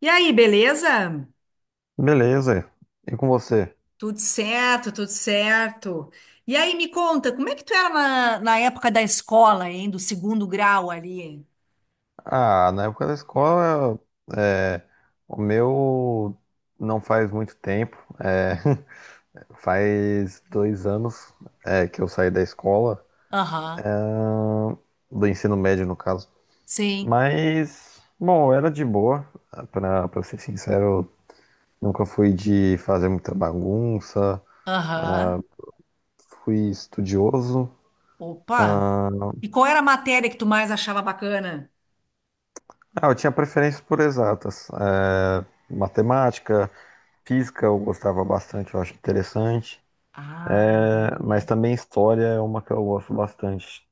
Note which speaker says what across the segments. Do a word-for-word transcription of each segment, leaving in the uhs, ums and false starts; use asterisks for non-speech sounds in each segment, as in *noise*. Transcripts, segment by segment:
Speaker 1: E aí, beleza?
Speaker 2: Beleza. E com você?
Speaker 1: Tudo certo, tudo certo. E aí, me conta, como é que tu era na, na época da escola, hein? Do segundo grau ali?
Speaker 2: Ah, na época da escola, é, o meu não faz muito tempo. É, *laughs* faz dois anos, é, que eu saí da escola,
Speaker 1: Aham,
Speaker 2: do ensino médio, no caso.
Speaker 1: sim,
Speaker 2: Mas, bom, era de boa, pra, pra ser sincero, nunca fui de fazer muita bagunça,
Speaker 1: aham.
Speaker 2: fui estudioso.
Speaker 1: Opa! E qual era a matéria que tu mais achava bacana?
Speaker 2: Ah, eu tinha preferência por exatas. É, matemática, física eu gostava bastante, eu acho interessante.
Speaker 1: Ah,
Speaker 2: É, mas
Speaker 1: entendi.
Speaker 2: também história é uma que eu gosto bastante,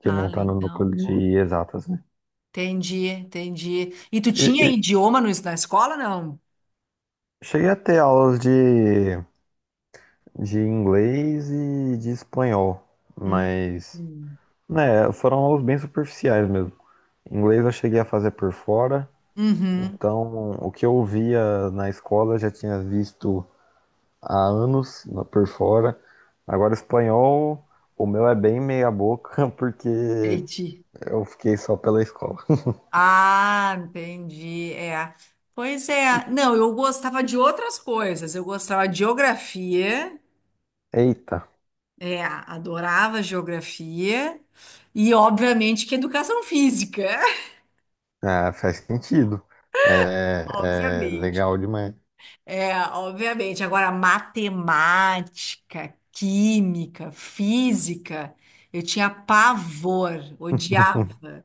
Speaker 2: que
Speaker 1: Ah,
Speaker 2: não tá no núcleo
Speaker 1: legal, pô.
Speaker 2: de exatas, né?
Speaker 1: Entendi, entendi. E tu
Speaker 2: E,
Speaker 1: tinha
Speaker 2: e
Speaker 1: idioma no, na escola, não?
Speaker 2: cheguei a ter aulas de, de inglês e de espanhol,
Speaker 1: Hum.
Speaker 2: mas,
Speaker 1: Hum.
Speaker 2: né, foram aulas bem superficiais mesmo. Inglês eu cheguei a fazer por fora,
Speaker 1: Uhum,
Speaker 2: então o que eu via na escola eu já tinha visto há anos na- por fora. Agora espanhol, o meu é bem meia boca, *laughs* porque
Speaker 1: entendi.
Speaker 2: eu fiquei só pela escola.
Speaker 1: Ah, entendi. É. Pois é. Não, eu gostava de outras coisas. Eu gostava de geografia,
Speaker 2: Eita!
Speaker 1: é, adorava geografia e, obviamente, que educação física. *laughs*
Speaker 2: Ah, faz sentido. É, é legal
Speaker 1: Obviamente.
Speaker 2: demais.
Speaker 1: É, obviamente. Agora, matemática, química, física, eu tinha pavor,
Speaker 2: *laughs*
Speaker 1: odiava.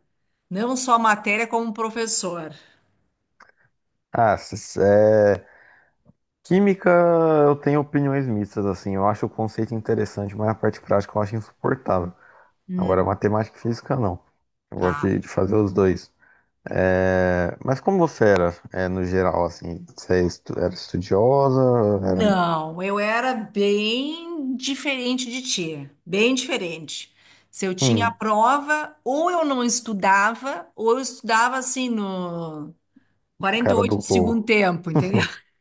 Speaker 1: Não só a matéria, como o professor.
Speaker 2: Ah, s- é, química eu tenho opiniões mistas, assim. Eu acho o conceito interessante, mas a parte prática eu acho insuportável. Agora,
Speaker 1: Hum.
Speaker 2: matemática e física, não. Eu gosto
Speaker 1: Ah,
Speaker 2: de, de fazer os dois. É, mas como você era, é, no geral, assim? Você é estu- era estudiosa? Era,
Speaker 1: não, eu era bem diferente de ti, bem diferente. Se eu tinha
Speaker 2: hum,
Speaker 1: prova, ou eu não estudava, ou eu estudava assim no
Speaker 2: a
Speaker 1: quarenta e
Speaker 2: cara do
Speaker 1: oito de segundo
Speaker 2: gol.
Speaker 1: tempo, entendeu? *laughs*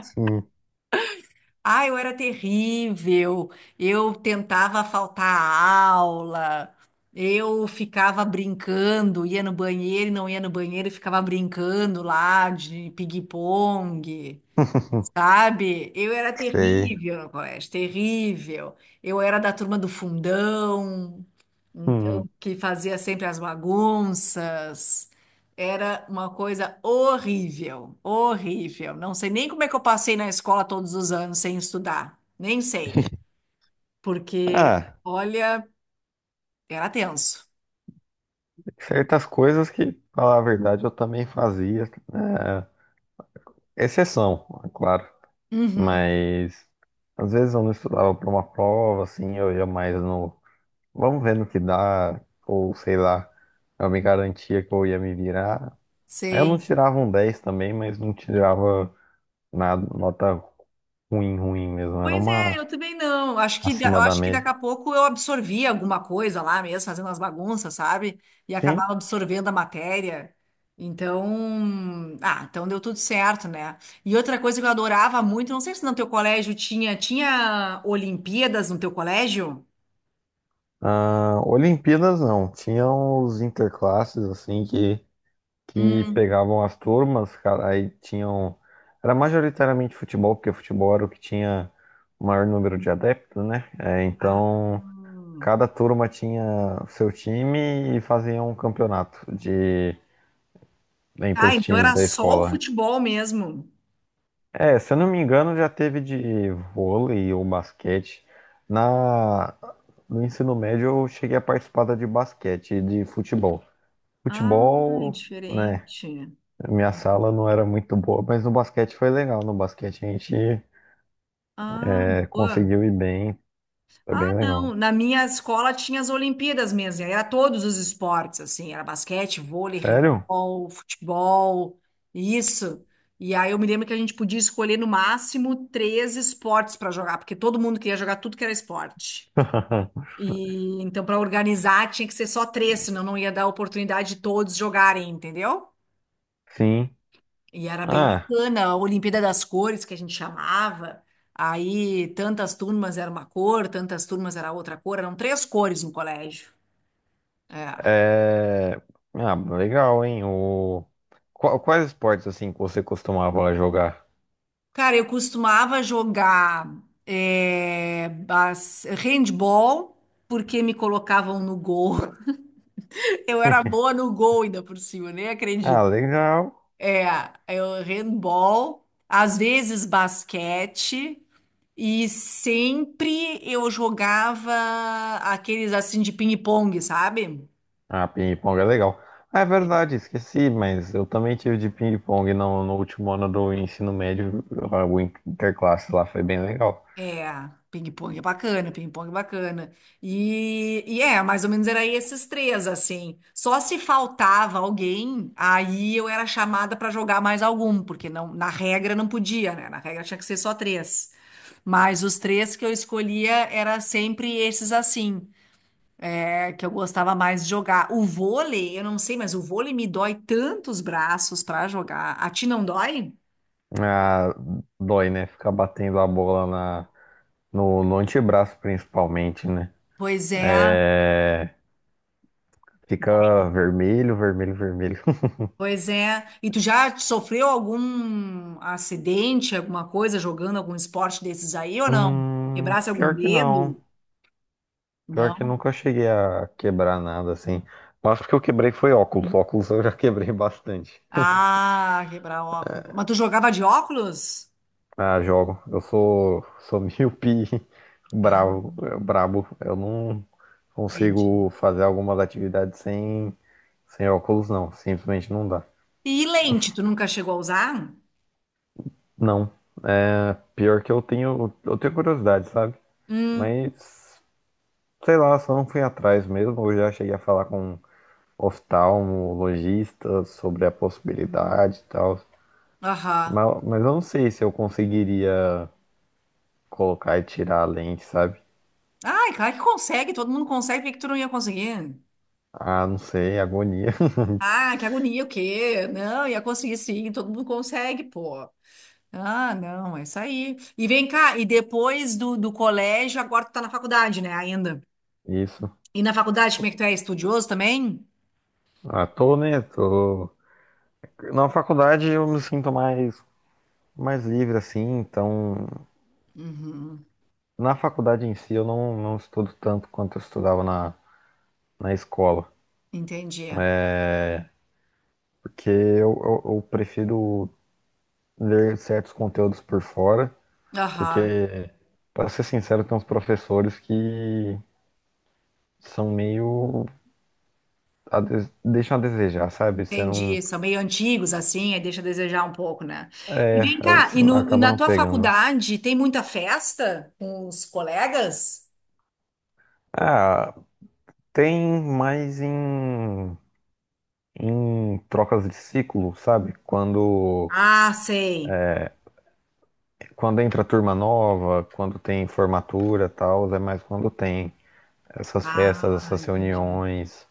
Speaker 2: Sim,
Speaker 1: Ah, eu era terrível. Eu tentava faltar a aula. Eu ficava brincando, ia no banheiro e não ia no banheiro, e ficava brincando lá de pigue-pongue.
Speaker 2: *laughs*
Speaker 1: Sabe? Eu era
Speaker 2: sei.
Speaker 1: terrível no colégio, terrível. Eu era da turma do fundão, então
Speaker 2: Hum.
Speaker 1: que fazia sempre as bagunças. Era uma coisa horrível, horrível. Não sei nem como é que eu passei na escola todos os anos sem estudar. Nem sei, porque,
Speaker 2: Ah.
Speaker 1: olha, era tenso.
Speaker 2: Certas coisas que, pra falar a verdade, eu também fazia, né? Exceção, é claro.
Speaker 1: Uhum,
Speaker 2: Mas às vezes eu não estudava para uma prova, assim, eu ia mais no. Vamos ver no que dá, ou sei lá, eu me garantia que eu ia me virar. Eu não
Speaker 1: sim.
Speaker 2: tirava um dez também, mas não tirava nada, nota ruim, ruim mesmo. Era
Speaker 1: Pois é,
Speaker 2: uma
Speaker 1: eu também não. Acho que, da- eu
Speaker 2: acima da
Speaker 1: acho que
Speaker 2: média.
Speaker 1: daqui a pouco eu absorvia alguma coisa lá mesmo, fazendo as bagunças, sabe? E
Speaker 2: Sim.
Speaker 1: acabava absorvendo a matéria. Então, ah, então deu tudo certo, né? E outra coisa que eu adorava muito, não sei se no teu colégio tinha, tinha Olimpíadas no teu colégio?
Speaker 2: Ah, Olimpíadas não. Tinha os interclasses, assim, que que
Speaker 1: Hum.
Speaker 2: pegavam as turmas, cara, aí tinham. Era majoritariamente futebol, porque futebol era o que tinha o maior número de adeptos, né? É,
Speaker 1: Ah,
Speaker 2: então,
Speaker 1: hum.
Speaker 2: cada turma tinha o seu time e fazia um campeonato de entre
Speaker 1: Ah,
Speaker 2: os
Speaker 1: então
Speaker 2: times
Speaker 1: era
Speaker 2: da
Speaker 1: só o
Speaker 2: escola.
Speaker 1: futebol mesmo.
Speaker 2: É, se eu não me engano, já teve de vôlei ou basquete. Na... No ensino médio, eu cheguei a participar da de basquete e de futebol.
Speaker 1: Ah, é
Speaker 2: Futebol. Né?
Speaker 1: diferente.
Speaker 2: Minha sala não era muito boa, mas no basquete foi legal. No basquete a gente
Speaker 1: Ah,
Speaker 2: é,
Speaker 1: boa.
Speaker 2: conseguiu ir bem, foi
Speaker 1: Ah,
Speaker 2: bem
Speaker 1: não.
Speaker 2: legal.
Speaker 1: Na minha escola tinha as Olimpíadas mesmo. E aí era todos os esportes, assim. Era basquete, vôlei,
Speaker 2: Sério?
Speaker 1: handebol, futebol, isso. E aí eu me lembro que a gente podia escolher no máximo três esportes para jogar, porque todo mundo queria jogar tudo que era esporte.
Speaker 2: *laughs*
Speaker 1: E então, para organizar, tinha que ser só três, senão não ia dar oportunidade de todos jogarem, entendeu?
Speaker 2: Sim.
Speaker 1: E era bem
Speaker 2: Ah,
Speaker 1: bacana, a Olimpíada das Cores, que a gente chamava. Aí tantas turmas era uma cor, tantas turmas era outra cor, eram três cores no colégio. É.
Speaker 2: é... ah, legal, hein? O... Qua- Quais esportes assim que você costumava jogar?
Speaker 1: Cara, eu costumava jogar é, bas- handball, porque me colocavam no gol. *laughs* Eu era
Speaker 2: *laughs*
Speaker 1: boa no gol ainda por cima, nem
Speaker 2: Ah,
Speaker 1: acredito.
Speaker 2: legal.
Speaker 1: É, eu handball, às vezes basquete. E sempre eu jogava aqueles assim de ping-pong, sabe?
Speaker 2: Ah, ping-pong é legal. Ah, é verdade, esqueci, mas eu também tive de ping-pong no, no último ano do ensino médio, o interclasse lá, foi bem legal.
Speaker 1: É, ping-pong é bacana, ping-pong é bacana. E, e é, mais ou menos era esses três, assim. Só se faltava alguém, aí eu era chamada pra jogar mais algum, porque não, na regra não podia, né? Na regra tinha que ser só três. Mas os três que eu escolhia era sempre esses assim. É que eu gostava mais de jogar. O vôlei, eu não sei, mas o vôlei me dói tantos braços pra jogar. A ti não dói?
Speaker 2: Ah, dói, né? Ficar batendo a bola na, No, no antebraço, principalmente, né?
Speaker 1: Pois é.
Speaker 2: É,
Speaker 1: Dói.
Speaker 2: fica vermelho, vermelho, vermelho. *laughs*
Speaker 1: Pois é. E tu já sofreu algum acidente, alguma coisa jogando algum esporte desses aí ou não?
Speaker 2: Hum,
Speaker 1: Quebrasse algum
Speaker 2: pior que não.
Speaker 1: dedo?
Speaker 2: Pior que
Speaker 1: Não.
Speaker 2: nunca cheguei a quebrar nada assim. Mas porque eu quebrei foi óculos. Óculos eu já *laughs* quebrei bastante.
Speaker 1: Ah, quebrar óculos. Mas tu jogava de óculos?
Speaker 2: Ah, jogo. Eu sou, sou míope *laughs*
Speaker 1: Ah,
Speaker 2: bravo, brabo. Eu não
Speaker 1: entendi.
Speaker 2: consigo fazer algumas atividades sem, sem óculos, não. Simplesmente não dá.
Speaker 1: E lente, tu nunca chegou a usar?
Speaker 2: Não. É, pior que eu tenho, eu tenho curiosidade, sabe?
Speaker 1: Hum,
Speaker 2: Mas, sei lá, só não fui atrás mesmo. Eu já cheguei a falar com oftalmologista sobre a possibilidade e tal.
Speaker 1: aham.
Speaker 2: Mas, mas eu não sei se eu conseguiria colocar e tirar a lente, sabe?
Speaker 1: Ai, claro que consegue, todo mundo consegue, por que que tu não ia conseguir?
Speaker 2: Ah, não sei, agonia.
Speaker 1: Ah, que agonia, o quê? Não, ia conseguir sim, todo mundo consegue, pô. Ah, não, é isso aí. E vem cá, e depois do, do colégio, agora tu tá na faculdade, né, ainda?
Speaker 2: *laughs* Isso.
Speaker 1: E na faculdade, como é que tu é? Estudioso também?
Speaker 2: Ah, tô, né? Tô... Na faculdade eu me sinto mais, mais livre, assim. Então,
Speaker 1: Uhum,
Speaker 2: na faculdade em si eu não, não estudo tanto quanto eu estudava na, na escola.
Speaker 1: entendi.
Speaker 2: Porque eu, eu, eu prefiro ver certos conteúdos por fora,
Speaker 1: Aham,
Speaker 2: porque, para ser sincero, tem uns professores que são meio. a des- deixam a desejar, sabe? Você não.
Speaker 1: entendi. São meio antigos, assim, aí deixa a desejar um pouco, né? E vem cá,
Speaker 2: Você
Speaker 1: e, no- e
Speaker 2: acaba
Speaker 1: na
Speaker 2: não
Speaker 1: tua
Speaker 2: pegando.
Speaker 1: faculdade tem muita festa com os colegas?
Speaker 2: Ah, tem mais em. em trocas de ciclo, sabe? Quando.
Speaker 1: Ah, sei.
Speaker 2: quando entra turma nova, quando tem formatura tal, é mais quando tem essas festas,
Speaker 1: Ah,
Speaker 2: essas
Speaker 1: entendi.
Speaker 2: reuniões.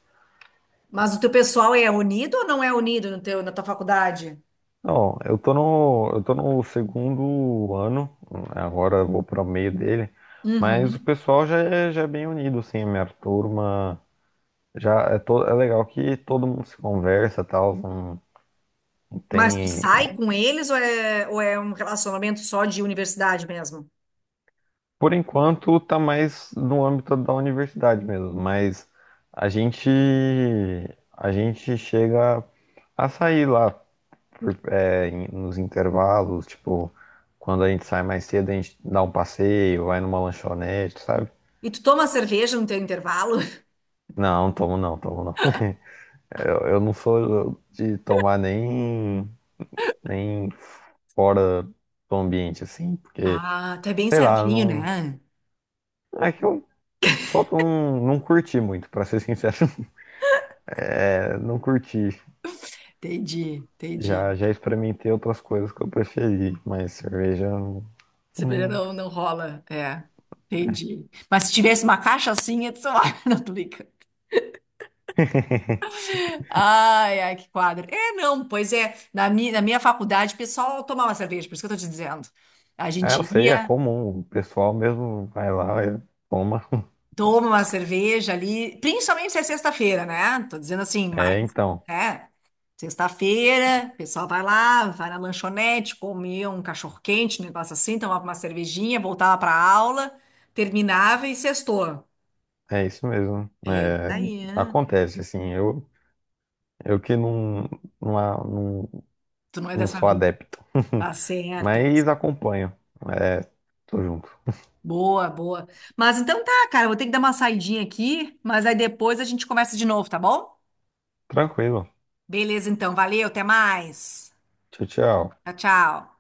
Speaker 1: Mas o teu pessoal é unido ou não é unido no teu, na tua faculdade?
Speaker 2: Não, eu tô no, eu tô no segundo ano, agora eu vou para o meio dele, mas o
Speaker 1: Uhum.
Speaker 2: pessoal já é, já é bem unido, assim, a minha turma já é, to, é legal que todo mundo se conversa, tal, não, não
Speaker 1: Mas tu
Speaker 2: tem.
Speaker 1: sai com eles ou é, ou é um relacionamento só de universidade mesmo?
Speaker 2: Por enquanto tá mais no âmbito da universidade mesmo, mas a gente, a gente chega a sair lá, por- é, em- nos intervalos, tipo, quando a gente sai mais cedo, a gente dá um passeio, vai numa lanchonete, sabe?
Speaker 1: E tu toma cerveja no teu intervalo? *laughs*
Speaker 2: Não, tomo não, tomo não. *laughs* Eu, eu não sou de tomar nem, nem fora do ambiente, assim, porque,
Speaker 1: Ah, tu é bem
Speaker 2: sei lá,
Speaker 1: certinho,
Speaker 2: não.
Speaker 1: né?
Speaker 2: É que eu só não, não curti muito, pra ser sincero. *laughs* É, não curti.
Speaker 1: Entendi, entendi.
Speaker 2: Já, já experimentei outras coisas que eu preferi, mas cerveja.
Speaker 1: Cerveja
Speaker 2: Hum,
Speaker 1: não, não rola. É, entendi. Mas se tivesse uma caixa assim, eu sei lá, *laughs* não tô brincando. Ai, ai, que quadro. É, não, pois é. Na minha, na minha faculdade, o pessoal tomava cerveja, por isso que eu tô te dizendo. A
Speaker 2: é, eu
Speaker 1: gente
Speaker 2: sei,
Speaker 1: ia.
Speaker 2: é comum. O pessoal mesmo vai lá, e toma.
Speaker 1: Toma uma cerveja ali, principalmente se é sexta-feira, né? Tô dizendo assim, mais,
Speaker 2: É, então,
Speaker 1: é, sexta-feira, o pessoal vai lá, vai na lanchonete, come um cachorro-quente, um negócio assim, tomava uma cervejinha, voltava pra aula, terminava e sextou.
Speaker 2: é isso mesmo.
Speaker 1: É, isso
Speaker 2: É,
Speaker 1: aí, né?
Speaker 2: acontece, assim, eu, eu que não, não, a- não,
Speaker 1: Tu não é
Speaker 2: não
Speaker 1: dessa
Speaker 2: sou
Speaker 1: vida.
Speaker 2: adepto,
Speaker 1: Tá
Speaker 2: *laughs*
Speaker 1: certa.
Speaker 2: mas acompanho. É, tô junto.
Speaker 1: Boa, boa. Mas então tá, cara, eu vou ter que dar uma saidinha aqui, mas aí depois a gente conversa de novo, tá bom?
Speaker 2: Tranquilo.
Speaker 1: Beleza, então. Valeu, até mais.
Speaker 2: Tchau, tchau.
Speaker 1: Tchau, tchau.